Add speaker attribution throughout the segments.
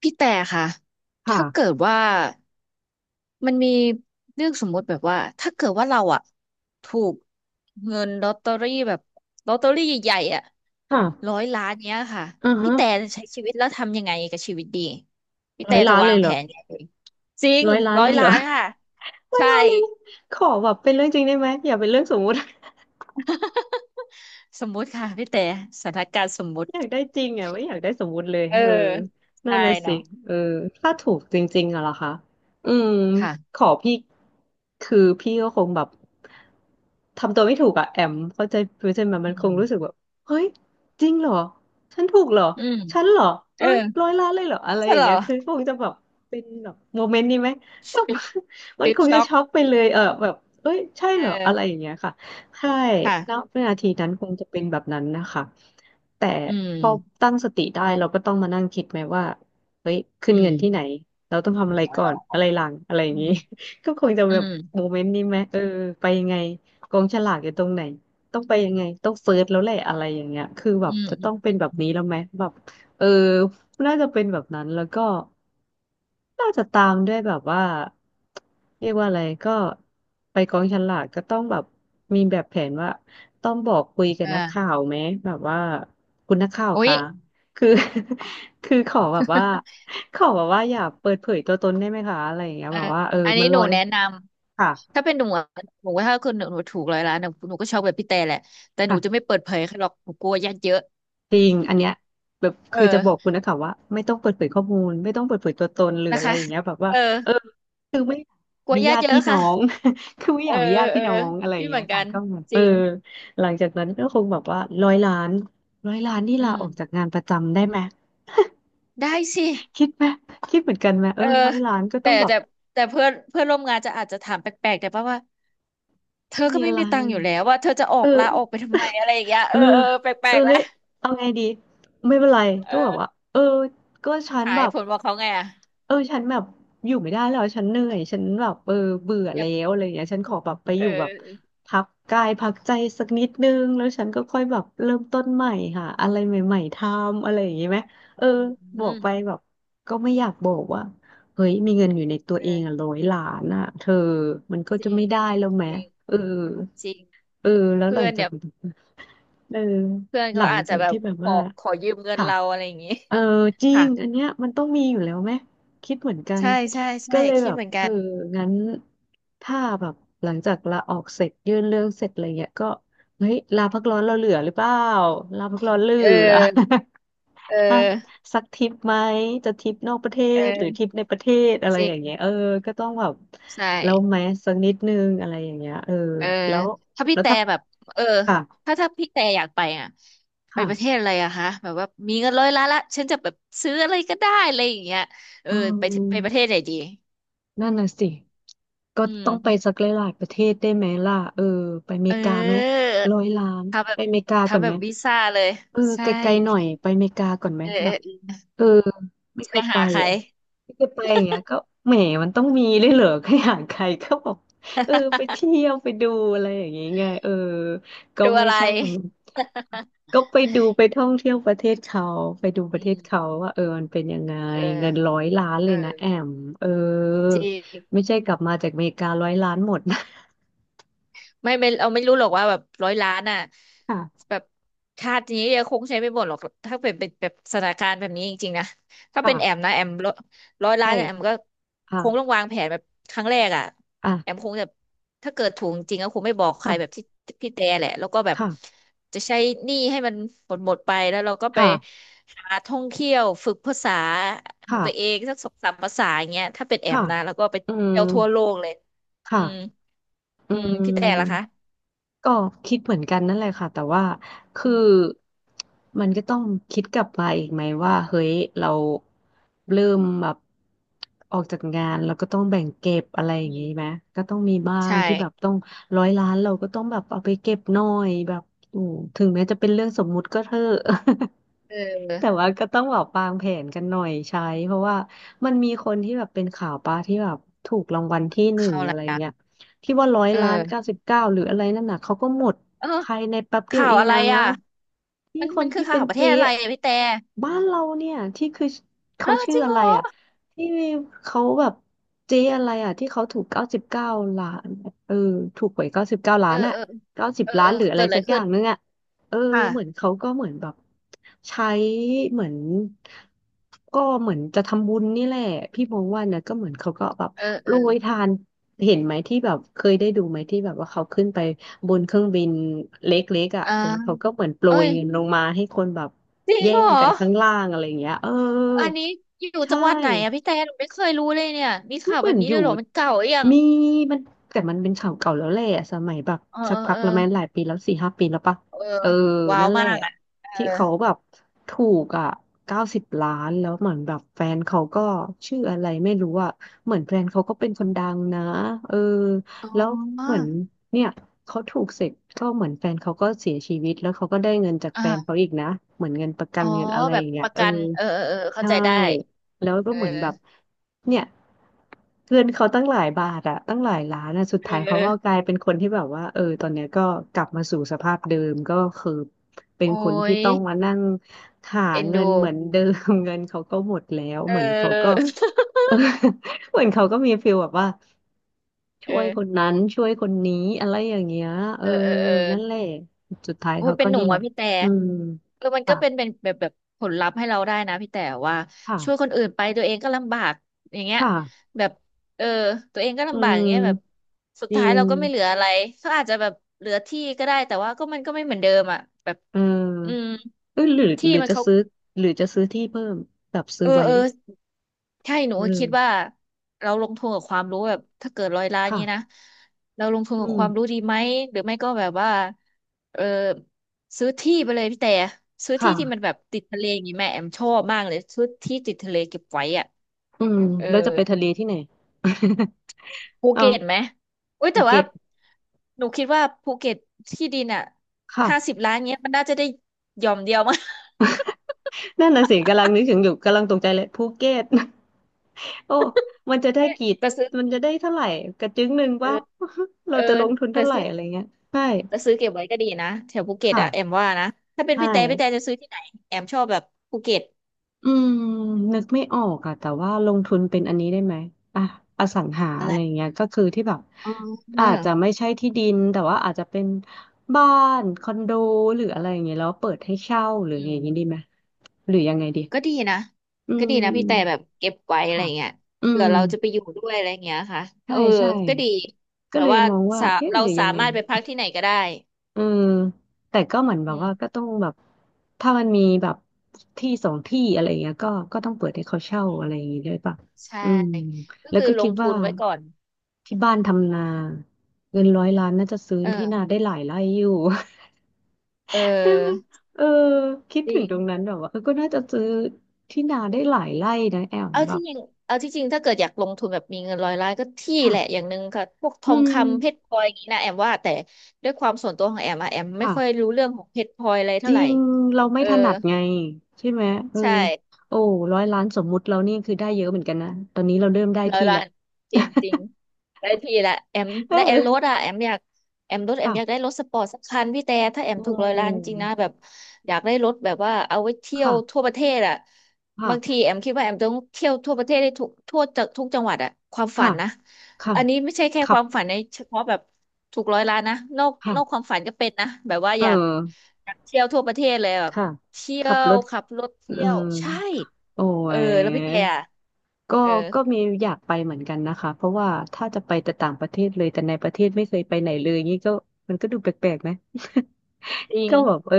Speaker 1: พี่แต่ค่ะถ้าเกิ
Speaker 2: ค่ะ
Speaker 1: ดว่ามันมีเรื่องสมมติแบบว่าถ้าเกิดว่าเราอ่ะถูกเงินลอตเตอรี่แบบลอตเตอรี่ใหญ่ๆอ่ะ
Speaker 2: ค่ะ
Speaker 1: ร้อยล้านเนี้ยค่ะ
Speaker 2: อือ
Speaker 1: พี่
Speaker 2: ฮะ
Speaker 1: แต่จะใช้ชีวิตแล้วทำยังไงกับชีวิตดีพี่
Speaker 2: ร้อ
Speaker 1: แต่
Speaker 2: ย
Speaker 1: จะ
Speaker 2: ล้าน
Speaker 1: วา
Speaker 2: เล
Speaker 1: ง
Speaker 2: ยเห
Speaker 1: แผ
Speaker 2: รอ
Speaker 1: นยังไงจริง
Speaker 2: ร้อยล้าน
Speaker 1: ร้อ
Speaker 2: เล
Speaker 1: ย
Speaker 2: ยเหรอ
Speaker 1: ล้านค่ะ
Speaker 2: ร้อย
Speaker 1: ใช่
Speaker 2: ล้านเลยขอแบบเป็นเรื่องจริงได้ไหม อย่าเป็นเรื่องสมมุติ
Speaker 1: สมมุติค่ะพี่แต่สถานการณ์สมมุติ
Speaker 2: อยากได้จริงอ่ะไม่อยากได้สมมุติเลย
Speaker 1: เออ
Speaker 2: เออนั่
Speaker 1: ใช่
Speaker 2: นน่ะสิ
Speaker 1: เนาะ
Speaker 2: เออถ้าถูกจริงๆอะเหรอคะอืมข
Speaker 1: ค่ะ
Speaker 2: อพี่คือพี่ก็คงแบบทำตัวไม่ถูกอะแอมเข้าใจไหมมั
Speaker 1: อื
Speaker 2: นคง
Speaker 1: ม
Speaker 2: รู้สึกแบบเฮ้ยจริงเหรอฉันถูกเหรอ
Speaker 1: อืม
Speaker 2: ฉันเหรอ
Speaker 1: เอ
Speaker 2: เอ้
Speaker 1: อ
Speaker 2: ยร้อยล้านเลยเหรออะไร
Speaker 1: ใช่
Speaker 2: อย่า
Speaker 1: เห
Speaker 2: ง
Speaker 1: รอ
Speaker 2: เงี้ยคือคงจะแบบเป็นแบบโมเมนต์นี้ไหมแบบ
Speaker 1: ปิ๊บ
Speaker 2: มัน
Speaker 1: ปิ๊บ
Speaker 2: คงจะ
Speaker 1: ช็อก
Speaker 2: ช็อกไปเลยเออแบบเอ้ยใช่
Speaker 1: เ
Speaker 2: เหรออะไรอ
Speaker 1: ออ
Speaker 2: ย่างเงี้ยค่ะ ใช่แล้ว
Speaker 1: ค่ะ
Speaker 2: เวลาทีนั้นคงจะเป็นแบบนั้นนะคะแต่
Speaker 1: อื
Speaker 2: พอ
Speaker 1: ม
Speaker 2: ตั้งสติได้เราก็ต้องมานั่งคิดไหมว่าเฮ้ยขึ้น
Speaker 1: อื
Speaker 2: เงินที่ไหน
Speaker 1: ม
Speaker 2: เราต้องทำอะไร
Speaker 1: ไม่
Speaker 2: ก่อ
Speaker 1: ต้อ
Speaker 2: น
Speaker 1: ง
Speaker 2: อะไรหลังอะไรอย่า
Speaker 1: อื
Speaker 2: งนี้
Speaker 1: ม
Speaker 2: ก็คงจะ
Speaker 1: อื
Speaker 2: แบบ
Speaker 1: ม
Speaker 2: โมเมนต์นี้ไหมเออไปยังไงกองฉลากอยู่ตรงไหนต้องไปยังไงต้องเฟิร์สแล้วแหละอะไรอย่างเงี้ยคือแบ
Speaker 1: อื
Speaker 2: บ
Speaker 1: ม
Speaker 2: จะ
Speaker 1: อื
Speaker 2: ต้อ
Speaker 1: ม
Speaker 2: งเป็นแบบนี้แล้วไหมแบบ เออน่าจะเป็นแบบนั้นแล้วก็น่าจะตามด้วยแบบว่า เรียกว่าอะไรก็ไปกองฉลากก็ต้องแบบมีแบบแผนว่าต้องบอกคุยกับ
Speaker 1: เอ
Speaker 2: นักข่า
Speaker 1: อ
Speaker 2: วไหมแบบว่าคุณนักข่าว
Speaker 1: อุ๊ย
Speaker 2: คะ คือ คือขอแบบว่าอย่าเปิดเผยตัวตนได้ไหมคะอะไรอย่างเงี้ย
Speaker 1: เออ
Speaker 2: แบบว่าเออ
Speaker 1: อัน
Speaker 2: มั
Speaker 1: นี้
Speaker 2: น
Speaker 1: ห
Speaker 2: ล
Speaker 1: นู
Speaker 2: อย
Speaker 1: แนะน
Speaker 2: ค
Speaker 1: ำถ้าเป็นหนูอะหนูว่าถ้าคือหนูถูกร้อยล้านหนูก็ชอบแบบพี่แต่แหละแต่หนู
Speaker 2: ่ะ
Speaker 1: จะไม่เปิดเผยใครหรอกหนูกลัวญาติเยอะ
Speaker 2: จริงอันเนี้ยแบบ
Speaker 1: เออ
Speaker 2: คือจะบอกคุณนะคะว่าไม่ต้องเปิดเผยข้อมูลไม่ต้องเปิดเผยตัวตนหรือ
Speaker 1: นะ
Speaker 2: อะไร
Speaker 1: คะ
Speaker 2: อย่างเงี้ยแบบว่า
Speaker 1: เออ
Speaker 2: เออคือไม่อยาก
Speaker 1: กลัว
Speaker 2: มี
Speaker 1: ญา
Speaker 2: ญา
Speaker 1: ติ
Speaker 2: ติ
Speaker 1: เย
Speaker 2: พี่
Speaker 1: อะ
Speaker 2: น้อ
Speaker 1: ค่ะ
Speaker 2: ง คือไม่อ
Speaker 1: เออ
Speaker 2: ยากมีญาติ
Speaker 1: เอ
Speaker 2: พี่
Speaker 1: อ
Speaker 2: น้องอะไรอ
Speaker 1: พี่
Speaker 2: ย่าง
Speaker 1: เห
Speaker 2: เงี้
Speaker 1: มือ
Speaker 2: ย
Speaker 1: นกั
Speaker 2: ค่ะ
Speaker 1: น
Speaker 2: ก็แบบ
Speaker 1: จ
Speaker 2: เออ
Speaker 1: ริง
Speaker 2: หลังจากนั้นก็คงแบบว่าร้อยล้านนี่
Speaker 1: อื
Speaker 2: ลา
Speaker 1: ม
Speaker 2: ออกจากงานประจำได้ไหม
Speaker 1: ได้สิ
Speaker 2: คิดไหมคิดเหมือนกันไหมเอ
Speaker 1: เอ
Speaker 2: อ
Speaker 1: อ
Speaker 2: ร้อยล้านก็ต้
Speaker 1: แต่
Speaker 2: องแบบ
Speaker 1: แต่แต่เพื่อนเพื่อนร่วมงานจะอาจจะถามแปลกๆแต่ป่ะว่า เธอ
Speaker 2: ไม่มี
Speaker 1: ก็ไม่
Speaker 2: อะไร
Speaker 1: มีตังค์อยู่แล้วว่าเธอจะออ
Speaker 2: เอ
Speaker 1: ก
Speaker 2: อ
Speaker 1: ลาออกไปทำไมอะไรอย่างเงี้ย
Speaker 2: เอ
Speaker 1: เอ
Speaker 2: อ
Speaker 1: อเออแป
Speaker 2: เอ
Speaker 1: ล
Speaker 2: อ
Speaker 1: กๆแล้ว
Speaker 2: เฮ้ยเอาไงดีไม่เป็นไร
Speaker 1: เอ
Speaker 2: ก็แบบว่า
Speaker 1: อ
Speaker 2: เออก็ฉัน
Speaker 1: หา
Speaker 2: แบ
Speaker 1: ย
Speaker 2: บ
Speaker 1: ผลบอกเขาไงอ่ะ
Speaker 2: เออฉันแบบอยู่ไม่ได้แล้วฉันเหนื่อยฉันแบบเออเบื่อแล้
Speaker 1: ยับ
Speaker 2: วอะไรอย่างเงี้ยฉันขอแบบไปอ
Speaker 1: เอ
Speaker 2: ยู่แบบ
Speaker 1: อ
Speaker 2: พักกายพักใจสักนิดนึงแล้วฉันก็ค่อยแบบเริ่มต้นใหม่ค่ะอะไรใหม่ๆทำอะไรอย่างงี้ไหมเออ
Speaker 1: อืม
Speaker 2: บ
Speaker 1: อื
Speaker 2: อก
Speaker 1: ม
Speaker 2: ไปแบบก็ไม่อยากบอกว่าเฮ้ยมีเงินอยู่ในตัว
Speaker 1: เอ
Speaker 2: เอ
Speaker 1: อ
Speaker 2: งอะร้อยล้านอะเธอมันก็
Speaker 1: จ
Speaker 2: จะ
Speaker 1: ริง
Speaker 2: ไม่ได้แล้วไหม
Speaker 1: จริง
Speaker 2: เออ
Speaker 1: จริง
Speaker 2: เออแล้วห
Speaker 1: เพื่
Speaker 2: ลั
Speaker 1: อ
Speaker 2: ง
Speaker 1: น
Speaker 2: จา
Speaker 1: เดี๋
Speaker 2: ก
Speaker 1: ยว
Speaker 2: เออ
Speaker 1: เพื่อน
Speaker 2: หลั
Speaker 1: เขา
Speaker 2: ง
Speaker 1: อาจจะ
Speaker 2: จาก
Speaker 1: แบบ
Speaker 2: ที่แบบ
Speaker 1: ขอ
Speaker 2: ว่า
Speaker 1: ขอยืมเงิน
Speaker 2: ค่ะ
Speaker 1: เราอะไรอย่างงี้
Speaker 2: เออจริ
Speaker 1: ค่ะ
Speaker 2: งอันเนี้ยมันต้องมีอยู่แล้วไหมคิดเหมือนกัน
Speaker 1: ใช่ใช่ใช่
Speaker 2: ก็เลย
Speaker 1: คิ
Speaker 2: แบ
Speaker 1: ด
Speaker 2: บ
Speaker 1: เหมือนกั
Speaker 2: เออ
Speaker 1: น
Speaker 2: งั้นถ้าแบบหลังจากลาออกเสร็จยื่นเรื่องเสร็จอะไรเงี้ยก็เฮ้ยลาพักร้อนเราเหลือหรือเปล่าลาพักร้อนเหลื
Speaker 1: เอ
Speaker 2: อ
Speaker 1: อเออ
Speaker 2: อ่ะสักทริปไหมจะทริปนอกประเทศหรือ
Speaker 1: เออ
Speaker 2: ทริปในประเทศอะไร
Speaker 1: จริ
Speaker 2: อย่างเงี้ย
Speaker 1: ง
Speaker 2: เออก็ต้องแบบ
Speaker 1: ใช่
Speaker 2: แล้วไหมสักนิดนึงอะไรอย่างเงี้ยเออ
Speaker 1: เออ
Speaker 2: แล้ว
Speaker 1: ถ้าพี่แต่
Speaker 2: ถ้า
Speaker 1: แบบเออ
Speaker 2: ค่ะ
Speaker 1: ถ้าถ้าพี่แต่อยากไปอ่ะไป
Speaker 2: ค่ะ
Speaker 1: ประเทศอะไรอะคะแบบว่ามีเงินร้อยล้านละฉันจะแบบซื้ออะไรก็ได้อะไรอย่างเงี้ยเออ
Speaker 2: อื
Speaker 1: ไปไปประเท
Speaker 2: ม
Speaker 1: ศไหนดี
Speaker 2: นั่นน่ะสิ ก็
Speaker 1: อืม
Speaker 2: ต้องไปสักหลายๆประเทศได้ไหมล่ะเออไปอเม
Speaker 1: เอ
Speaker 2: ริกาไหม
Speaker 1: อ
Speaker 2: ร้อยล้าน
Speaker 1: ทำแบ
Speaker 2: ไป
Speaker 1: บ
Speaker 2: อเมริกาก่อน
Speaker 1: ทำแบ
Speaker 2: ไหม
Speaker 1: บวีซ่าเลย
Speaker 2: เออ
Speaker 1: ใช่
Speaker 2: ไกลๆหน่อยไปอเมริกาก่อนไหม
Speaker 1: เออ
Speaker 2: แบ
Speaker 1: เออ
Speaker 2: บ
Speaker 1: เออ
Speaker 2: เออไม่เค
Speaker 1: ไป
Speaker 2: ยไป
Speaker 1: หาใคร
Speaker 2: อ่ะไม่เคยไปอย่างเงี้ยก็แหมมันต้องมีเลยเหรอใครห่างไกลก็บอกเออไปเที่ยวไปดูอะไรอย่างเงี้ยไงเออก็
Speaker 1: ดู
Speaker 2: ไม่
Speaker 1: อะไร
Speaker 2: ใช่แบบ ก็ไปดูไปท่องเที่ยวประเทศเขาไปดูประเท
Speaker 1: อื
Speaker 2: ศ
Speaker 1: ม
Speaker 2: เขาว่าเออมันเป็นยังไง
Speaker 1: เออ
Speaker 2: เงินร้อยล้าน
Speaker 1: เอ
Speaker 2: เลยนะ
Speaker 1: อ
Speaker 2: แอมเออ
Speaker 1: จริง
Speaker 2: ไม่ใช่กลับมาจากอเมริการ้อยล้านหมดนะ
Speaker 1: ไม่ไม่เราไม่รู้หรอกว่าแบบร้อยล้านอ่ะ
Speaker 2: ค่ะ
Speaker 1: แบบชาตินี้ยังคงใช้ไม่หมดหรอกถ้าเป็นแบบสถานการณ์แบบนี้จริงๆนะถ้าเป็นแอม
Speaker 2: ค่ะ
Speaker 1: นะแอมร้อยล้า
Speaker 2: ใช่
Speaker 1: นเนี่ยแอมก็
Speaker 2: ค่ะ
Speaker 1: คงต้องวางแผนแบบครั้งแรกอ่ะแอม
Speaker 2: อ่ะ
Speaker 1: คงจะถ้าเกิดถูกจริงก็คงไม่บอกใครแบบ
Speaker 2: ค่ะ
Speaker 1: ที่พี่แต่แหละแล้วก็แบบ
Speaker 2: ค่ะ
Speaker 1: จะใช้หนี้ให้มันหมดไปแล้วเราก็ไป
Speaker 2: ค่ะ
Speaker 1: หาท่องเที่ยวฝึกภาษาของตัวเอ
Speaker 2: ค่ะ
Speaker 1: งสักสองสามภาษาอย่างเงี้ยถ้าเป็นแอ
Speaker 2: ค่ะ
Speaker 1: มนะแล้วก็ไป
Speaker 2: อืม
Speaker 1: เที่ยวทั่วโลกเลยอื
Speaker 2: ค่ะ
Speaker 1: ม
Speaker 2: อื
Speaker 1: อืม
Speaker 2: ม
Speaker 1: พี่แต่ล่ะคะ
Speaker 2: ก็คิดเหมือนกันนั่นแหละค่ะแต่ว่าคื
Speaker 1: อื
Speaker 2: อ
Speaker 1: ม
Speaker 2: มันก็ต้องคิดกลับมาอีกไหมว่าเฮ้ยเราเริ่มแบบออกจากงานเราก็ต้องแบ่งเก็บอะไรอ
Speaker 1: อื
Speaker 2: ย่างงี้ไหม
Speaker 1: ม
Speaker 2: ก็ต้องมีบ้าง
Speaker 1: ใช่
Speaker 2: ที่แบบต้องร้อยล้านเราก็ต้องแบบเอาไปเก็บหน่อยแบบอืมถึงแม้จะเป็นเรื่องสมมุติก็เถอะ
Speaker 1: เอ
Speaker 2: แต่
Speaker 1: อ
Speaker 2: ว่าก็ต้องแบบวางแผนกันหน่อยใช้เพราะว่ามันมีคนที่แบบเป็นข่าวปลาที่แบบถูกรางวัลที่หนึ่ง
Speaker 1: ข่าวอะไร
Speaker 2: อะไร
Speaker 1: อ่ะ
Speaker 2: เงี้ยที่ว่าร้อยล้านเก้า
Speaker 1: เออ
Speaker 2: สิบเก้าหรืออะไรนั่นน่ะเขาก็หมด
Speaker 1: เออ
Speaker 2: ภายในแป๊บเดียว
Speaker 1: ข่าว
Speaker 2: เอง
Speaker 1: อะไร
Speaker 2: นะ
Speaker 1: อ่ะ
Speaker 2: ที่
Speaker 1: มัน
Speaker 2: ค
Speaker 1: มั
Speaker 2: น
Speaker 1: นคือ
Speaker 2: ที่เป็
Speaker 1: ข่าว
Speaker 2: น
Speaker 1: ประเทศ
Speaker 2: เจ๊
Speaker 1: อะไรอ่ะพี่แต่
Speaker 2: บ้านเราเนี่ยที่คือเขา
Speaker 1: ฮะ
Speaker 2: ชื่
Speaker 1: จ
Speaker 2: อ
Speaker 1: ริง
Speaker 2: อะ
Speaker 1: เหร
Speaker 2: ไร
Speaker 1: อ
Speaker 2: อ่ะที่เขาแบบเจ๊อะไรอ่ะที่เขาถูกเก้าสิบเก้าล้านเออถูกหวยเก้าสิบเก้า
Speaker 1: เอ
Speaker 2: ล้า
Speaker 1: อ
Speaker 2: นอ่ะ
Speaker 1: เออ
Speaker 2: เก้าสิบ
Speaker 1: เออ
Speaker 2: ล้า
Speaker 1: เอ
Speaker 2: น
Speaker 1: อ
Speaker 2: หรืออะ
Speaker 1: เกิ
Speaker 2: ไร
Speaker 1: ดอะไร
Speaker 2: สักอ
Speaker 1: ขึ้
Speaker 2: ย่า
Speaker 1: น
Speaker 2: งนึงอ่ะ เออเหมือน
Speaker 1: ค่ะ
Speaker 2: เขาก็เหมือนแบบใช้เหมือนก็เหมือนจะทำบุญนี่แหละพี่มองว่านะก็เหมือนเขาก็แบบ
Speaker 1: เออ
Speaker 2: โป
Speaker 1: เอ
Speaker 2: ร
Speaker 1: อ
Speaker 2: ยทานเห็นไหมที่แบบเคยได้ดูไหมที่แบบว่าเขาขึ้นไปบนเครื่องบินเล็กๆอ่ะ
Speaker 1: อ่า
Speaker 2: แล้วเขาก็เหมือนโปร
Speaker 1: เอ้
Speaker 2: ย
Speaker 1: ย
Speaker 2: เงินลงมาให้คนแบบ
Speaker 1: จริง
Speaker 2: แย่
Speaker 1: เหร
Speaker 2: ง
Speaker 1: อ
Speaker 2: กันข้างล่างอะไรอย่างเงี้ยเออ
Speaker 1: อันนี้อยู่
Speaker 2: ใช่
Speaker 1: จังหวัดไหนอ่ะพี่แต่หนูไม่เคยรู้เลยเนี่ยมีข่าว
Speaker 2: เห
Speaker 1: แบ
Speaker 2: มือ
Speaker 1: บ
Speaker 2: น
Speaker 1: นี้
Speaker 2: อ
Speaker 1: ด้
Speaker 2: ยู่
Speaker 1: วยเหรอมันเก่าหรือยัง
Speaker 2: มีมันแต่มันเป็นข่าวเก่าแล้วแหละสมัยแบบ
Speaker 1: เออ
Speaker 2: สั
Speaker 1: เอ
Speaker 2: ก
Speaker 1: อ
Speaker 2: พั
Speaker 1: เอ
Speaker 2: ก
Speaker 1: อ
Speaker 2: แล้วไหมหลายปีแล้ว4-5ปีแล้วปะ
Speaker 1: เออ
Speaker 2: เออ
Speaker 1: ว้าว
Speaker 2: นั่นแห
Speaker 1: มา
Speaker 2: ละ
Speaker 1: กอ่ะเอ
Speaker 2: ที่
Speaker 1: อ
Speaker 2: เขาแบบถูกอ่ะ90 ล้านแล้วเหมือนแบบแฟนเขาก็ชื่ออะไรไม่รู้อ่ะเหมือนแฟนเขาก็เป็นคนดังนะเออ
Speaker 1: อ
Speaker 2: แล้ว
Speaker 1: อ๋
Speaker 2: เหมื
Speaker 1: อ
Speaker 2: อนเนี่ยเขาถูกเสร็จก็เหมือนแฟนเขาก็เสียชีวิตแล้วเขาก็ได้เงินจากแฟนเขา
Speaker 1: อ่า
Speaker 2: อีกนะเหมือนเงินประกั
Speaker 1: อ๋
Speaker 2: น
Speaker 1: อ
Speaker 2: เงินอะไร
Speaker 1: แบ
Speaker 2: อ
Speaker 1: บ
Speaker 2: ย่างเงี้
Speaker 1: ป
Speaker 2: ย
Speaker 1: ระ
Speaker 2: เออ
Speaker 1: กันเออเออเออเข้า
Speaker 2: ใช่
Speaker 1: ใจได้
Speaker 2: แล้วก็
Speaker 1: เออ
Speaker 2: เหมือนแบบเนี่ยเงินเขาตั้งหลายบาทอะตั้งหลายล้านอะสุด
Speaker 1: เอ
Speaker 2: ท้ายเขาก็ก
Speaker 1: อ
Speaker 2: ลายเป็นคนที่แบบว่าเออตอนเนี้ยก็กลับมาสู่สภาพเดิมก็คือเป็น
Speaker 1: โอ้
Speaker 2: คนที่
Speaker 1: ย
Speaker 2: ต้องมานั่งหา
Speaker 1: เอ็น
Speaker 2: เงิ
Speaker 1: ดู
Speaker 2: นเหมือนเดิม เงินเขาก็หมดแล้ว
Speaker 1: เ
Speaker 2: เหมือนเขาก็
Speaker 1: ออ
Speaker 2: เออ เหมือนเขาก็มีฟีลแบบว่า ช่วยคน
Speaker 1: เออ
Speaker 2: นั้นช่วยคนนี้อะไรอย่างเงี้ยเอ
Speaker 1: เอ
Speaker 2: อ
Speaker 1: อเออเออ
Speaker 2: นั่นแหละสุดท้าย
Speaker 1: โอ้ย
Speaker 2: เขา
Speaker 1: เป็
Speaker 2: ก็
Speaker 1: นหนู
Speaker 2: นี่แหละ
Speaker 1: ว่ะพี่แต่
Speaker 2: อืม
Speaker 1: เออมันก็
Speaker 2: ค่ะ
Speaker 1: เป็นแบบแบบผลลัพธ์ให้เราได้นะพี่แต่ว่า
Speaker 2: ค่ะ
Speaker 1: ช่วยคนอื่นไปตัวเองก็ลำบากอย่างเงี้ย
Speaker 2: ค่ะ
Speaker 1: แบบเออตัวเองก็
Speaker 2: อื
Speaker 1: ลำบากอย่างเงี้ยแบบ
Speaker 2: ม
Speaker 1: สุด
Speaker 2: จริ
Speaker 1: ท้าย
Speaker 2: ง
Speaker 1: เราก็ไม่เหลืออะไรเขาอาจจะแบบเหลือที่ก็ได้แต่ว่าก็มันก็ไม่เหมือนเดิมอ่ะแบบ
Speaker 2: เออ
Speaker 1: อืม
Speaker 2: เออหรือ
Speaker 1: ที่
Speaker 2: หรือ
Speaker 1: มัน
Speaker 2: จะ
Speaker 1: เขา
Speaker 2: ซื้อหรือจะซื้อที่เพิ่มแบบซื้
Speaker 1: เอ
Speaker 2: อ
Speaker 1: อ
Speaker 2: ไว้
Speaker 1: เออ ใช่หนู
Speaker 2: เ
Speaker 1: ก็คิดว่า
Speaker 2: ออ
Speaker 1: เราลงทุนกับความรู้แบบถ้าเกิดร้อยล้าน
Speaker 2: ค่ะ
Speaker 1: นี้นะเราลงทุน
Speaker 2: อื
Speaker 1: กับความรู้
Speaker 2: ม
Speaker 1: ดีไหมหรือไม่ก็แบบว่าเออซื้อที่ไปเลยพี่แต่ซื้อที่ที่มัน
Speaker 2: ค่ะ
Speaker 1: แบบติดทะเลอย่างนี้แม่แอมชอบมากเลยซื้อที่ติดทะเลเก็บไว้อ่ะ
Speaker 2: อืม
Speaker 1: เออ
Speaker 2: แล้วจะไปทะเลที่ไหน
Speaker 1: ภู
Speaker 2: อ้าว
Speaker 1: เก็ตไหมอุ้ย
Speaker 2: ภู
Speaker 1: แต่ว่า
Speaker 2: เก็ต
Speaker 1: หนูคิดว่าภูเก็ตที่ดินอ่ะห้าสิบ
Speaker 2: ค่ะ
Speaker 1: ล้านเงี้ยมันน่าจะได้หย่อมเดียวมั้ง
Speaker 2: นั่นน่ะสิกำลังนึกถึงอยู่กำลังตกใจเลยภูเก็ต โอ้มันจะได้กี่
Speaker 1: แต่ซื้อ
Speaker 2: มันจะได้เท่าไหร่กระจึงหนึ่ง
Speaker 1: เออ
Speaker 2: ว่า เรา
Speaker 1: เออ
Speaker 2: จะลงทุน
Speaker 1: แต่
Speaker 2: เท่าไหร่
Speaker 1: ซื้อ
Speaker 2: อะไรเงี้ยใช่
Speaker 1: แล้วซื้อเก็บไว้ก็ดีนะแถวภูเก็ต
Speaker 2: ค่ะ
Speaker 1: อะแอมว่านะถ้าเป็น
Speaker 2: ใช่
Speaker 1: พี่แต่พี่แต่จะซื้อที่ไหนแอมชอบแบบภูเก็ต
Speaker 2: อืมนึกไม่ออกอะแต่ว่าลงทุนเป็นอันนี้ได้ไหมอ่ะอสังหา
Speaker 1: อะ
Speaker 2: อะ
Speaker 1: ไร
Speaker 2: ไรอย่างเงี้ยก็คือที่แบบ
Speaker 1: อ๋อเอ
Speaker 2: อา
Speaker 1: อ
Speaker 2: จจะไม่ใช่ที่ดินแต่ว่าอาจจะเป็นบ้านคอนโดหรืออะไรอย่างเงี้ยแล้วเปิดให้เช่าหรือ
Speaker 1: อื
Speaker 2: อย่า
Speaker 1: ม
Speaker 2: งงี้ดีไหมหรือยังไงดี
Speaker 1: ก็ดีนะ
Speaker 2: อื
Speaker 1: ก็ดีนะพี่แต่แบ
Speaker 2: ม
Speaker 1: บเก็บไว้อะไร
Speaker 2: ค่ะ
Speaker 1: เงี้ย
Speaker 2: อื
Speaker 1: เผื่
Speaker 2: ม
Speaker 1: อเราจะไปอยู่ด้วยอะไรเงี้ยค่ะเอ
Speaker 2: ใช่
Speaker 1: อ
Speaker 2: ใช่
Speaker 1: ก็ดี
Speaker 2: ก็
Speaker 1: แบบ
Speaker 2: เลย
Speaker 1: ว่า
Speaker 2: มองว่า
Speaker 1: สา
Speaker 2: เอ๊ะ
Speaker 1: เรา
Speaker 2: หรือ
Speaker 1: สา
Speaker 2: ยังไง
Speaker 1: มารถไปพักที่ไหนก็ได้
Speaker 2: เออแต่ก็เหมือนแบ
Speaker 1: อื
Speaker 2: บว่าก็
Speaker 1: ม
Speaker 2: ต้องแบบถ้ามันมีแบบที่สองที่อะไรเงี้ยก็ก็ต้องเปิดให้เขาเช่า
Speaker 1: อื
Speaker 2: อะไรอย่าง
Speaker 1: ม
Speaker 2: งี้ด้วยป่ะ
Speaker 1: ใช่
Speaker 2: อืม
Speaker 1: ก็
Speaker 2: แล้ว
Speaker 1: คือ
Speaker 2: ก็
Speaker 1: ล
Speaker 2: คิ
Speaker 1: ง
Speaker 2: ด
Speaker 1: ทุ
Speaker 2: ว่า
Speaker 1: นไว้ก่อน
Speaker 2: ที่บ้านทำนาเงินร้อยล้านน่าจะซื้อ
Speaker 1: เอ
Speaker 2: ที่นา
Speaker 1: อ
Speaker 2: ได้หลายไร่อยู่
Speaker 1: เอ
Speaker 2: ใช่ไหม
Speaker 1: อ
Speaker 2: เออคิด
Speaker 1: จ
Speaker 2: ถึ
Speaker 1: ริ
Speaker 2: ง
Speaker 1: ง
Speaker 2: ตรงนั้นแบบว่าเออก็น่าจะซื้อที่นาได้หลายไร่นะแอม
Speaker 1: เอา
Speaker 2: แบ
Speaker 1: ที่
Speaker 2: บ
Speaker 1: จริงเอาที่จริงถ้าเกิดอยากลงทุนแบบมีเงินร้อยล้านก็ที่แหละอ
Speaker 2: ค่ะ
Speaker 1: ย่างหนึ่งค่ะพวกท
Speaker 2: อื
Speaker 1: องคำเพชร
Speaker 2: ม
Speaker 1: พลอยอย่างนี้นะแอมว่าแต่ด้วยความส่วนตัวของแอมอะแอมไม่ค่อย
Speaker 2: ค่ะ
Speaker 1: รู้เรื่องของเพชรพลอยอะไร
Speaker 2: จ
Speaker 1: เท่า
Speaker 2: ริ
Speaker 1: ไหร่
Speaker 2: งเราไม่
Speaker 1: เออ
Speaker 2: ถนัดไงใช่ไหมเออ
Speaker 1: ใช่
Speaker 2: โอ้ร้อยล้านสมมุติเรานี่คือได้เยอะเหมือนกันนะตอนนี้เราเริ่มได้
Speaker 1: รลอย
Speaker 2: ที่
Speaker 1: ล้า
Speaker 2: แล้ว
Speaker 1: นจริงจริงได้ที่ละแอม
Speaker 2: เ
Speaker 1: และแอมรถ
Speaker 2: ออ
Speaker 1: อ่ะแอมอยากแอมรถแอมอยากได้
Speaker 2: ค่ะ
Speaker 1: รถสปอร์ตสักคันพี่แต่ถ้าแอ
Speaker 2: โอ
Speaker 1: มถูกร้อยล้าน
Speaker 2: ้
Speaker 1: จริงนะแบบอยากได้รถแบบว่าเอาไว้เที่ยว
Speaker 2: ค่ะ
Speaker 1: ทั่วประเทศอ่ะบางที
Speaker 2: ค่ะ
Speaker 1: แอมคิดว่าแอมต้องเที่ยวทั่วประเทศได้ทุกทั่วจากทุกจังหวัดอ่ะความฝั
Speaker 2: ค่ะ
Speaker 1: นนะ
Speaker 2: ค่ะ
Speaker 1: อันนี้ไม่ใช่แค่
Speaker 2: ขั
Speaker 1: ค
Speaker 2: บ
Speaker 1: วามฝันในเฉพาะแบบถูกร้อยล้านนะนอกค
Speaker 2: ค่ะ
Speaker 1: วามฝันก็เป็นนะแบบว่า
Speaker 2: เอ
Speaker 1: อยาก
Speaker 2: อ
Speaker 1: อยากเที่ยวทั่วประเทศเลยแบบ
Speaker 2: ค่ะ
Speaker 1: เที่ย
Speaker 2: ขับร
Speaker 1: ว
Speaker 2: ถ
Speaker 1: ขับรถ
Speaker 2: อื
Speaker 1: เที่ยว
Speaker 2: ม
Speaker 1: ใช่
Speaker 2: โอ้
Speaker 1: เออ
Speaker 2: ย
Speaker 1: แล้วพี่แต่อะ
Speaker 2: ก็
Speaker 1: เออ
Speaker 2: ก็มีอยากไปเหมือนกันนะคะเพราะว่าถ้าจะไปแต่ต่างประเทศเลยแต่ในประเทศไม่เคยไปไหนเลยนี่ก็มันก็ดูแปลกๆไหม
Speaker 1: จริ ง
Speaker 2: ก็แบบเออ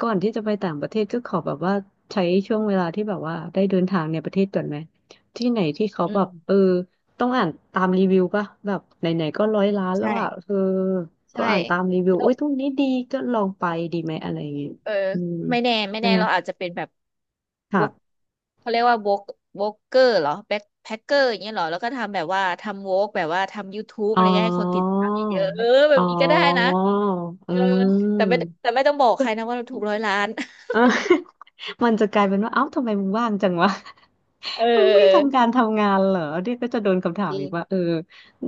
Speaker 2: ก่อนที่จะไปต่างประเทศก็ขอแบบว่าใช้ช่วงเวลาที่แบบว่าได้เดินทางในประเทศก่อนไหมที่ไหนที่เขา
Speaker 1: อื
Speaker 2: แบบเออ
Speaker 1: ม
Speaker 2: ต้องอ่านตามรีวิวป่ะแบบไหนๆก็ร้อยล้านแล้วอ่ะ
Speaker 1: ใช่
Speaker 2: เออก็
Speaker 1: ใช่
Speaker 2: อ่านตามรีวิว
Speaker 1: แล้ว
Speaker 2: อุ้ยตรงนี้ดีก็ลองไปดีไหมอะไรอย่างเงี้ย
Speaker 1: เออ
Speaker 2: อืม
Speaker 1: ไม่แน่ไม่
Speaker 2: ใช่
Speaker 1: แน่
Speaker 2: ไหม
Speaker 1: เราอาจจะเป็นแบบว
Speaker 2: ค่ะ
Speaker 1: กเขาเรียกว่าวกวกเกอร์เหรอแบ็คแพ็คเกอร์อย่างเงี้ยเหรอแล้วก็ทำแบบว่าทำวกแบบว่าทำ YouTube อะ
Speaker 2: อ๋อ
Speaker 1: ไรเงี้ยให้คนติดตามเยอะๆเออแบ
Speaker 2: อ๋อ
Speaker 1: บนี้ก็ได้นะ
Speaker 2: อื
Speaker 1: เออแต่ไม่
Speaker 2: ม
Speaker 1: แต่ไม่ต้องบอกใครนะว่าเราถูกร้อยล้าน
Speaker 2: เออ มันจะกลายเป็นว่าเอ้าทำไมมึงว่างจังวะ
Speaker 1: เ
Speaker 2: มึงไม่
Speaker 1: ออ
Speaker 2: ทำการทำงานเหรอเนี่ยก็จะโดนคำถา
Speaker 1: จ
Speaker 2: ม
Speaker 1: ริ
Speaker 2: อีกว่าเอ
Speaker 1: ง
Speaker 2: อ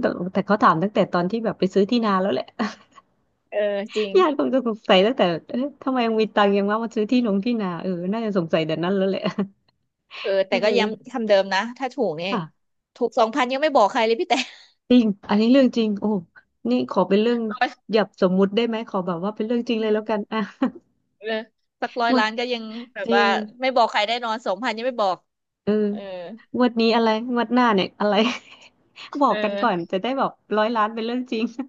Speaker 2: แต่แต่เขาถามตั้งแต่ตอนที่แบบไปซื้อที่นาแล้วแหละ
Speaker 1: เออจริง
Speaker 2: ญาติคงจะสงสัยตั้งแต่เอ๊ะทำไมมึงมีตังค์ยังว่ามาซื้อที่ลงที่นาเออน่าจะสงสัยแต่นั้นแล้วแหละ
Speaker 1: เออ
Speaker 2: เ
Speaker 1: แต่ก็ย้ำ
Speaker 2: ออ
Speaker 1: คำเดิมนะถ้าถูกเนี่ย
Speaker 2: ค่ะ
Speaker 1: ถูกสองพันยังไม่บอกใครเลยพี่แต่
Speaker 2: จริงอันนี้เรื่องจริงโอ้นี่ขอเป็นเรื่อง
Speaker 1: ร้อ
Speaker 2: หยับสมมุติได้ไหมขอแบบว่าเป็นเรื่องจริงเลยแล้วกั
Speaker 1: ย
Speaker 2: น อ่ะ
Speaker 1: เออสักร้ อย
Speaker 2: หมด
Speaker 1: ล้านก็ยังแบบ
Speaker 2: จริ
Speaker 1: ว่า
Speaker 2: ง
Speaker 1: ไม่บอกใครแน่นอนสองพันยังไม่บอก
Speaker 2: เออ
Speaker 1: เออ
Speaker 2: งวดนี้อะไรงวดหน้าเนี่ยอะไร บอ
Speaker 1: เอ
Speaker 2: กกัน
Speaker 1: อ
Speaker 2: ก่อนจะได้แบบร้อยล้านเป็นเรื่องจริง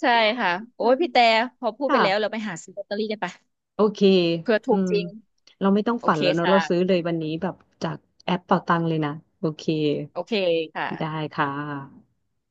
Speaker 1: ใช่ค่ะโอ้
Speaker 2: เอ
Speaker 1: ยพี่แต่
Speaker 2: อ
Speaker 1: พอพูดไปแล้วเรา
Speaker 2: ค่ะ
Speaker 1: ไปหาซื้อลอตเตอรี่กันไปะ
Speaker 2: โอเค
Speaker 1: เผื่อ
Speaker 2: อื
Speaker 1: ถูก
Speaker 2: ม
Speaker 1: จริง
Speaker 2: เราไม่ต้อง
Speaker 1: โอ
Speaker 2: ฝัน
Speaker 1: เค
Speaker 2: แล้วเนอะ
Speaker 1: ค่ะ
Speaker 2: เราซื้อเลยวันนี้แบบจากแอปเป๋าตังเลยนะ โอเค
Speaker 1: โอเค
Speaker 2: ได้
Speaker 1: ค่ะ
Speaker 2: ค่ะ